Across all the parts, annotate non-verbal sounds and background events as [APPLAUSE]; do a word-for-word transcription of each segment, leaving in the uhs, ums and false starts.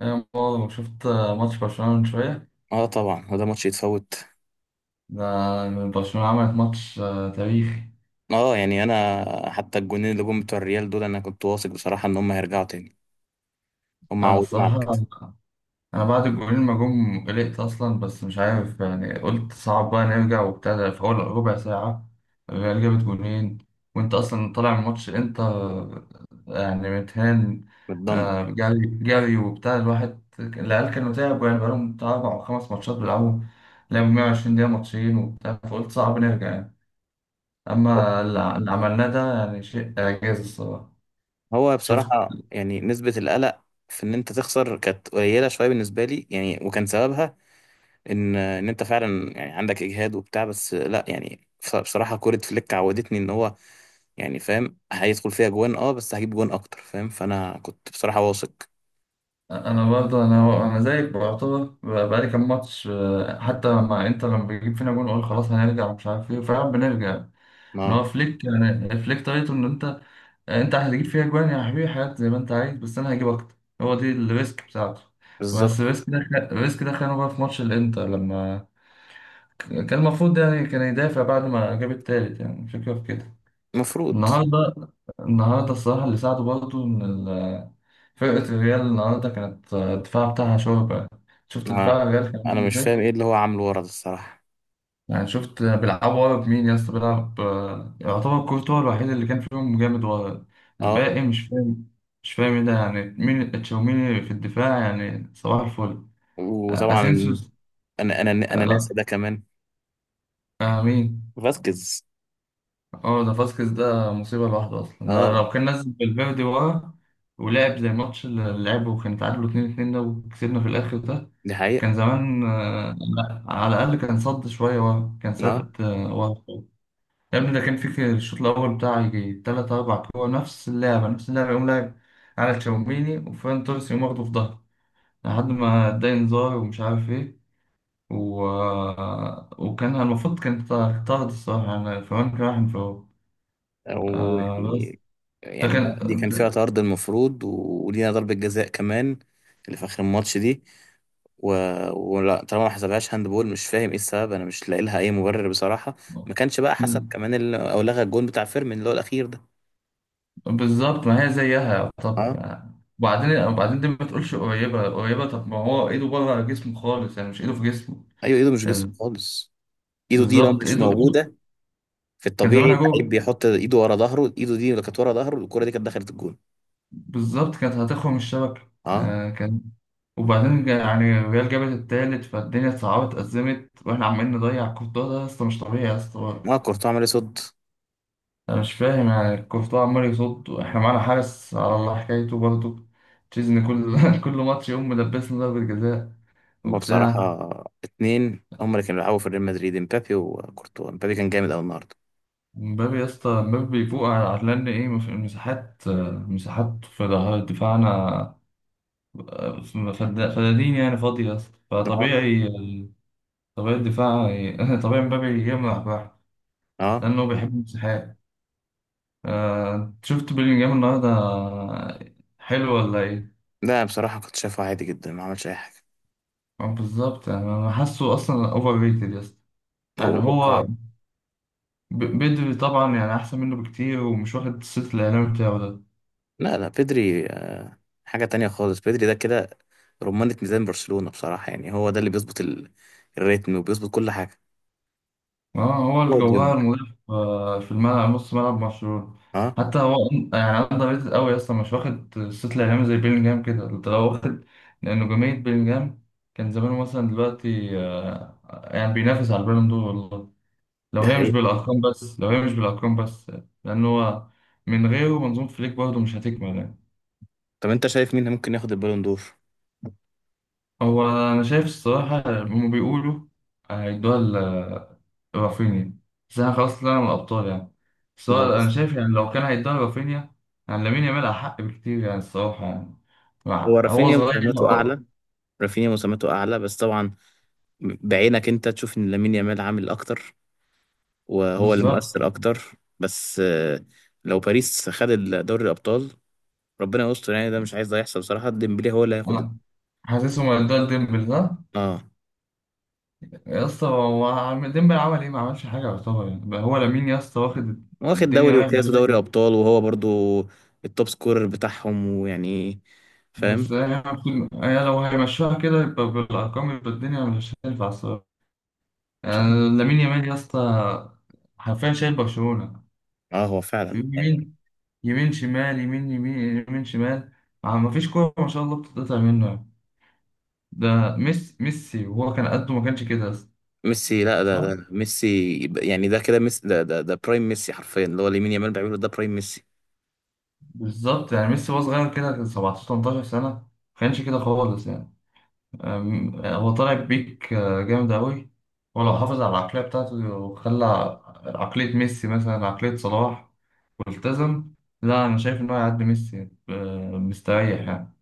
انا برضه شفت ماتش برشلونة من شوية. اه، طبعا هو ده ماتش يتفوت. ده برشلونة عملت ماتش آه، تاريخي. اه يعني انا حتى الجونين اللي جم بتوع الريال دول انا كنت واثق بصراحه ان هم هيرجعوا تاني، هم انا عودونا على الصراحة كده. انا بعد الجولين ما جم قلقت اصلا، بس مش عارف يعني، قلت صعب بقى نرجع وبتاع. ده في اول ربع ساعة الريال جابت جولين، وانت اصلا طالع من ماتش، انت يعني متهان، متدمر. آه، جري جري وبتاع. الواحد العيال كانوا تعبوا يعني، بقالهم بتاع اربع او خمس ماتشات بيلعبوا، لعبوا 120 دقيقة ماتشين وبتاع، فقلت صعب نرجع يعني. أما اللي اللي عملناه ده يعني شيء إعجاز الصراحة. هو شفت؟ بصراحه يعني نسبه القلق في ان انت تخسر كانت قليله شويه بالنسبه لي يعني، وكان سببها ان ان انت فعلا يعني عندك اجهاد وبتاع، بس لا يعني بص- بصراحه كوره فليك عودتني ان هو يعني فاهم هيدخل فيها جوان، اه بس هجيب جوان اكتر، فاهم؟ فانا كنت بصراحه واثق. أنا برضه أنا أنا زيك، بعتبر ب- بقالي كام ماتش، آه، حتى مع إنتر، لما بيجيب فينا جون أقول خلاص هنرجع مش عارف إيه، فعلا بنرجع. إن هو اه. فليك يعني، فليك طريقته إن أنت أنت هتجيب فيها جوان يا حبيبي حاجات زي ما أنت عايز، بس أنا هجيب أكتر. هو دي الريسك بتاعته. بس بالظبط. الريسك ده خ- الريسك ده خانه بقى في ماتش الإنتر، لما ك- كان المفروض يعني كان يدافع بعد ما جاب التالت، يعني الفكرة في كده. المفروض. النهارده النهارده الصراحة اللي ساعده برضه إن فرقة الريال النهاردة كانت، آه، الدفاع بتاعها شوربة. شفت ما دفاع الريال كان عامل انا مش ازاي؟ فاهم ايه اللي هو عامله ورا ده الصراحه. يعني شفت بيلعبوا ورا بمين يا اسطى؟ بيلعب آه، يعتبر كورتوا الوحيد اللي كان فيهم جامد ورا. اه. الباقي مش فاهم، مش فاهم ايه ده يعني. مين تشاوميني في الدفاع؟ يعني صباح الفل. آه، وطبعا اسينسيوس. انا انا انا ناسا آه، ده كمان. آه، مين؟ فاسكيز. اه ده فاسكيز، ده مصيبة لوحده أصلا. لو اه. لو كان نزل بالفيردي ورا، ولعب زي الماتش اللي لعبه وكان تعادلوا اتنين اتنين ده وكسبنا في الآخر ده، دي كان حقيقه. زمان آه، لا، على الأقل كان صد شوية، وهم كان اه. سد آه، وهم. يا ابني ده كان في الشوط الأول بتاع يجي تلات أربع كورة، نفس اللعبة نفس اللعبة، يقوم لاعب على تشاوميني وفان توريس يقوم واخده في ظهره، لحد ما اداني انذار ومش عارف ايه. و... آه، وكان المفروض كان طرد الصراحة، يعني فرانك راح انفراد، و... آه بس ده يعني كان، دي كان فيها طرد المفروض، ولينا ضربه جزاء كمان، اللي في اخر الماتش دي. و... ولا طالما ما حسبهاش هاند بول، مش فاهم ايه السبب، انا مش لاقي لها اي مبرر بصراحه. ما كانش بقى حسب آه، كمان ال... او لغى الجون بتاع فيرمين اللي هو الاخير ده. بالظبط. ما هي زيها طب اه. يعني. وبعدين وبعدين دي ما تقولش قريبة قريبة، طب ما هو ايده بره جسمه خالص، يعني مش ايده في جسمه. ايوه، ايده مش جسم ال- خالص، ايده دي لو بالظبط، مش ايده ايده. موجوده. في كان الطبيعي زمانها اللعيب جوه، بيحط ايده ورا ظهره، ايده دي اللي كانت ورا ظهره، الكرة دي كانت دخلت الجون. بالظبط كانت هتخرم الشبكة. اه. آه كان وبعدين جا- يعني الريال جابت التالت، فالدنيا اتصعبت أزمت، واحنا عمالين نضيع كورتوا، ده يا اسطى مش طبيعي يا اسطى ما برضه. كورتوا عمل إيه؟ صد. انا مش فاهم يعني، كورتوا عمال يصد واحنا معانا حارس على الله حكايته برضه. تشيزني كل [LAUGHS] كل ماتش يقوم ملبسنا ضربة جزاء هما وبتاع. بصراحة اتنين هما اللي كانوا بيلعبوا في ريال مدريد: امبابي وكورتوا. امبابي كان جامد قوي النهارده. مبابي يا اسطى، مبابي بيفوق على، على لان ايه، مف- المساحات، آه، مساحات في ظهر دفاعنا، آه، فد- فدادين يعني، فاضية يا اسطى. اه. فطبيعي، طبيعي الدفاع، ي- [LAUGHS] طبيعي مبابي يجمع بقى اه. لأنه بيحب المساحات. آه، أنت شفت بيلينجهام النهاردة، حلو ولا ايه؟ لا بصراحة كنت شايفه عادي جدا، ما عملش اي حاجة. آه، بالظبط، يعني أنا حاسه أصلا أوفر ريتد يا اسطى. هو يعني توقع. هو ب- بدري طبعا يعني أحسن منه بكتير، ومش واخد الصيت الإعلامي بتاعه ده. لا لا، بيدري آه، حاجة تانية خالص. بيدري ده كده رمانة ميزان برشلونة بصراحة، يعني هو ده اللي بيظبط ال- الريتم وبيظبط كل حاجة. اه، هو هو ديونج. الجوهر مضيف آه، في الملعب، نص ملعب مشهور. اه. حتى هو يعني اندر ريتد قوي اصلا، مش واخد الصيت الاعلامي زي بيلينجهام. كده انت لو واخد، لأن نجومية بيلينجهام كان زمانه مثلا دلوقتي آه، يعني بينافس على البالون دور والله، لو دي هي مش حقيقة. بالارقام بس، لو هي مش بالارقام بس. لان هو من غيره منظومة فليك برضه مش هتكمل يعني. طب انت شايف مين ممكن ياخد البالون دور؟ هو انا شايف الصراحة هم بيقولوا هيدوها رافينيا. بس انا خلاص طلعنا من الابطال يعني. بس ما هو هو انا شايف يعني، لو كان هيدوها رافينيا يعني لامين يامال احق بكتير يعني الصراحه يعني. مع- هو هو رافينيا صغير مساهماته اعلى، أه، رافينيا مساهماته اعلى، بس طبعا بعينك انت تشوف ان لامين يامال عامل اكتر وهو اللي بالظبط. مؤثر اكتر. بس آه، لو باريس خد دوري الابطال، ربنا يستر يعني، ده مش عايز ده يحصل بصراحه. ديمبلي هو اللي هياخد ال- أنا حاسسه ما ادوها ديمبل ده اه. يا اسطى، هو عم- ديمبل عمل ايه؟ ما عملش حاجه يعتبر يعني. بقى هو لامين يا اسطى واخد واخد الدنيا دوري رايح وكاس ودوري جاي. ابطال، وهو برضو التوب سكورر بتاعهم، ويعني فاهم. بس هي المفروض، هي لو هيمشوها كده يبقى بالارقام يبقى الدنيا مش هتنفع الصراحه مش عارف. يعني. لامين يامال يا اسطى، حرفيا شايل برشلونه اه، هو فعلا يعني. يمين، يمين شمال، يمين يمين يمين شمال. ما فيش كورة ما شاء الله بتتقطع منه يعني. ده ميسي، ميسي وهو كان قده ما كانش كده أصلاً. ميسي؟ لا، ده صح، ده ميسي. يعني ده كده ميسي. ده ده ده برايم ميسي، حرفيا اللي هو لامين يامال بيعمله ده برايم ميسي. بالظبط. يعني ميسي وهو صغير كده كان سبعتاشر تمنتاشر سنة ما كانش كده خالص يعني. أم- آه، هو طالع بيك آه، جامد أوي. هو لو حافظ على العقلية بتاعته، وخلى عقلية ميسي مثلا، عقلية صلاح، والتزم، لا أنا شايف إن هو هيعدي ميسي آه، مستريح يعني.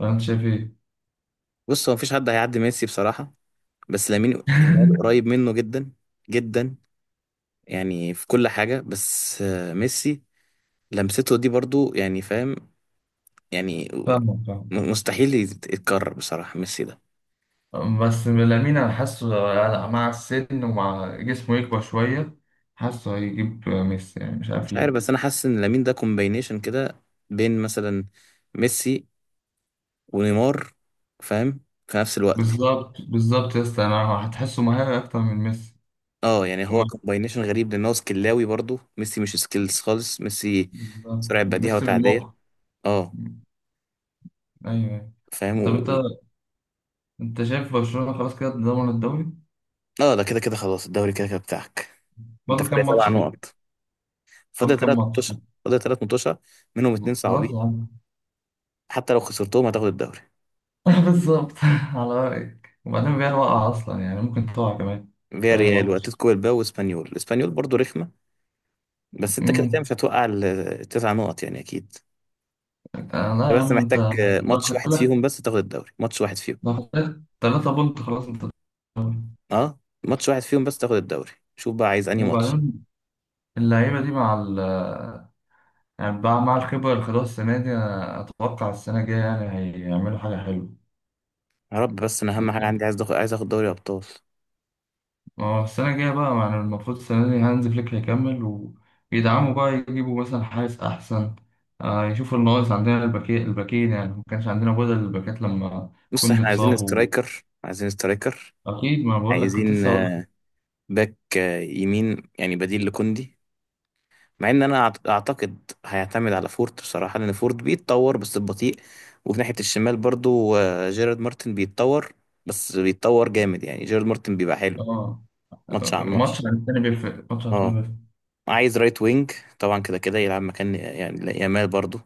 ولا أنت شايف إيه؟ بص، هو مفيش حد هيعدي ميسي بصراحة، بس لامين يامال [LAUGHS] قريب منه جدا، جدا، يعني في كل حاجة. بس آه، ميسي لمسته دي برضو يعني، فاهم يعني؟ فاهمك. م- مستحيل يت- يتكرر بصراحة ميسي ده. بس لامين انا حاسه، لا- مع السن ومع جسمه يكبر شويه، حاسه هيجيب ميسي يعني، مش عارف مش عارف، بس ليه. أنا حاسس إن لامين ده كومباينيشن كده بين مثلا ميسي ونيمار، فاهم؟ في نفس الوقت. بالظبط بالظبط يا اسطى، انا هتحسه مهاري اكتر من ميسي. اه يعني هو وما كومباينيشن غريب، لأن هو سكلاوي، برضو ميسي مش سكيلز خالص ميسي، بالظبط، سرعة بديهة ميسي وتعدية. بالمخ. اه. ايوه يعني. طب فاهم. انت، انت شايف برشلونه خلاص كده ضمن الدوري؟ اه، ده كده كده خلاص، الدوري كده كده بتاعك. انت فاضل فرق كام سبع ماتش كده؟ نقط فاضل فاضل كام ثلاث ماتش؟ متوشة. فاضل ثلاث متوشة منهم اتنين خلاص صعبين، يا عم. حتى لو خسرتهم هتاخد الدوري. [LAUGHS] بالظبط، على رايك. وبعدين الريال وقع اصلا يعني، ممكن تقع كمان في فيا اي ريال ماتش. واتلتيكو بالباو واسبانيول، اسبانيول برضو رخمة، بس انت كده كده امم، مش هتوقع ال- التسع نقط يعني، اكيد. آه لا انت يا بس عم انت، محتاج آه، لو ماتش خدت واحد لك فيهم بس تاخد الدوري، ماتش واحد فيهم. ده ثلاثة بونت خلاص، انت بتتطور. اه، ماتش واحد فيهم بس تاخد الدوري، شوف بقى عايز انهي ماتش. وبعدين اللعيبة دي، مع ال، يعني مع مع الخبرة اللي خدوها السنة دي، أنا أتوقع السنة الجاية يعني هيعملوا حاجة حلوة. يا رب، بس انا اهم حاجة عندي عايز اخد، عايز اخد دوري ابطال. ما هو السنة الجاية بقى يعني المفروض، السنة دي هانز فليك هيكمل، ويدعموا بقى، يجيبوا مثلا حارس أحسن، آه يشوفوا الناقص عندنا، الباكين الباكين يعني، ما كانش عندنا بدل الباكات لما بص، كنت احنا عايزين اتصاب و... سترايكر، عايزين سترايكر، أكيد، ما بقول لك، كنت عايزين لسه هقول لك. باك آه، يمين يعني، بديل لكوندي. مع ان انا أعت- اعتقد هيعتمد على فورت بصراحه، لان فورت بيتطور بس ببطيء. وفي ناحيه الشمال برضو آه، جيرارد مارتن بيتطور، بس بيتطور جامد يعني، جيرارد مارتن بيبقى حلو آه، ماتش عن ماتش. ماتش عن التاني بيفرق، ماتش عن اه. التاني بيفرق. عايز رايت وينج طبعا، كده كده يلعب مكان يعني لا- يامال برضو،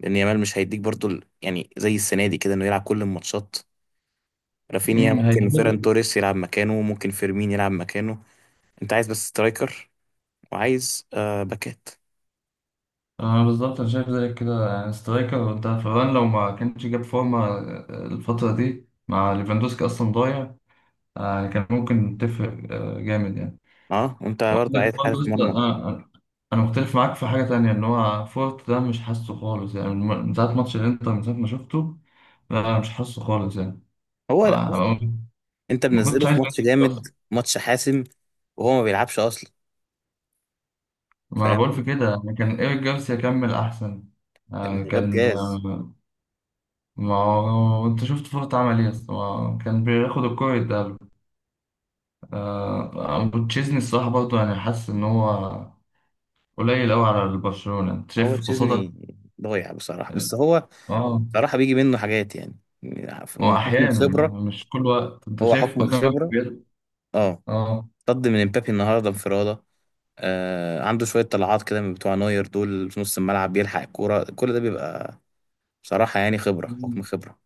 لان يامال مش هيديك برضو ال- يعني زي السنه دي كده انه يلعب كل الماتشات. رافينيا أمم، ممكن، فيران هيفيد. توريس يلعب مكانه ممكن، فيرمين يلعب مكانه. انت عايز بس سترايكر وعايز آه باكات. اه بالظبط، انا شايف زيك كده، يعني سترايكر، انت فران لو ما كانش جاب فورمه الفتره دي مع ليفاندوسكي اصلا ضايع، آه، يعني كان ممكن تفرق آه، جامد يعني. اه. انت برضه عايز وعندك برضه حارس لسه، مرمى. انا انا أنا مختلف معاك في حاجه تانية، ان هو فورت ده مش حاسه خالص يعني، من من ساعه ماتش الانتر، من ساعه ما شفته، لا مش حاسه خالص يعني. هو لا، بص، آه، انت ما كنتش منزله عايز في أنزل ماتش جامد، أصلاً. ماتش حاسم، وهو ما بيلعبش اصلا، ما انا فاهم؟ بقول في كده يعني، كان ايريك جارسيا كمل احسن، آه، يعني ده كان بجاز. آه، ما هو انت شفت فورت عمل ايه اصلا، هو كان بياخد الكرة يتقابل، آه، ابو تشيزني الصراحة برضه، يعني حاسس ان هو قليل قوي على البرشلونة، انت هو شايف قصادك. تشيزني ضايع بصراحه، بس هو اه، بصراحه بيجي منه حاجات يعني، هو من حكم احيانا يعني، الخبره، مش كل وقت. انت هو شايف حكم قدامك الخبره. بيض؟ اه. اه. طرد من امبابي النهارده انفراده. آه عنده شويه طلعات كده من بتوع نوير دول في نص الملعب، بيلحق الكوره، كل ده بيبقى بصراحه يعني خبره، حكم خبره.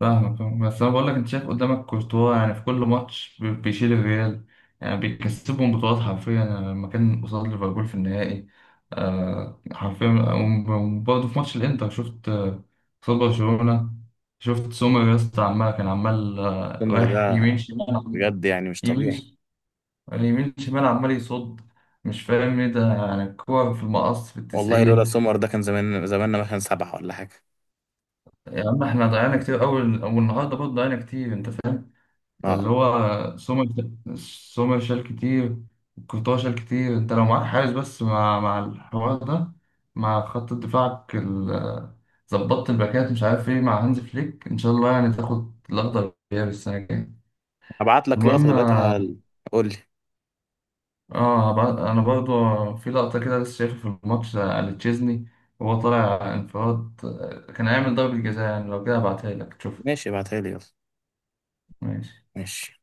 فاهمك فاهمك. بس انا بقول لك، انت شايف قدامك كورتوا، يعني في كل ماتش بي- بيشيل الريال، يعني بيكسبهم بطولات حرفيا يعني، لما كان قصاد ليفربول في النهائي، آه حرفيا. وبرضه في ماتش الانتر شفت، آه، قصاد برشلونة شفت سومر يا اسطى عمال، كان عمال آه، سومر رايح ده يمين شمال، بجد يعني مش يمين طبيعي. ش- يمين شمال عمال يصد، مش فاهم ايه ده يعني، الكور في المقص في والله لولا التسعين. سمر ده كان زمان زماننا مثلا سبعة ولا حاجة. يا عم احنا ضيعنا كتير اول، والنهارده برضه ضيعنا كتير انت. فاللي اه. هو سمر، سمر شال كتير، كورتوا شال كتير. انت لو معاك حارس بس مع مع الحوار ده، مع خط دفاعك ال- ظبطت الباكات مش عارف ايه مع هانز فليك، ان شاء الله يعني تاخد الاخضر واليابس السنه الجايه. هبعت لك لقطة المهم، دلوقتي، على قول لي. اه، ب- انا برضو في لقطه كده لسه شايفها في الماتش على تشيزني، وهو طالع انفراد آه، كان هيعمل ضربه جزاء يعني لو كده، هبعتها لك تشوف. ماشي، ابعتها لي يلا. ماشي. ماشي.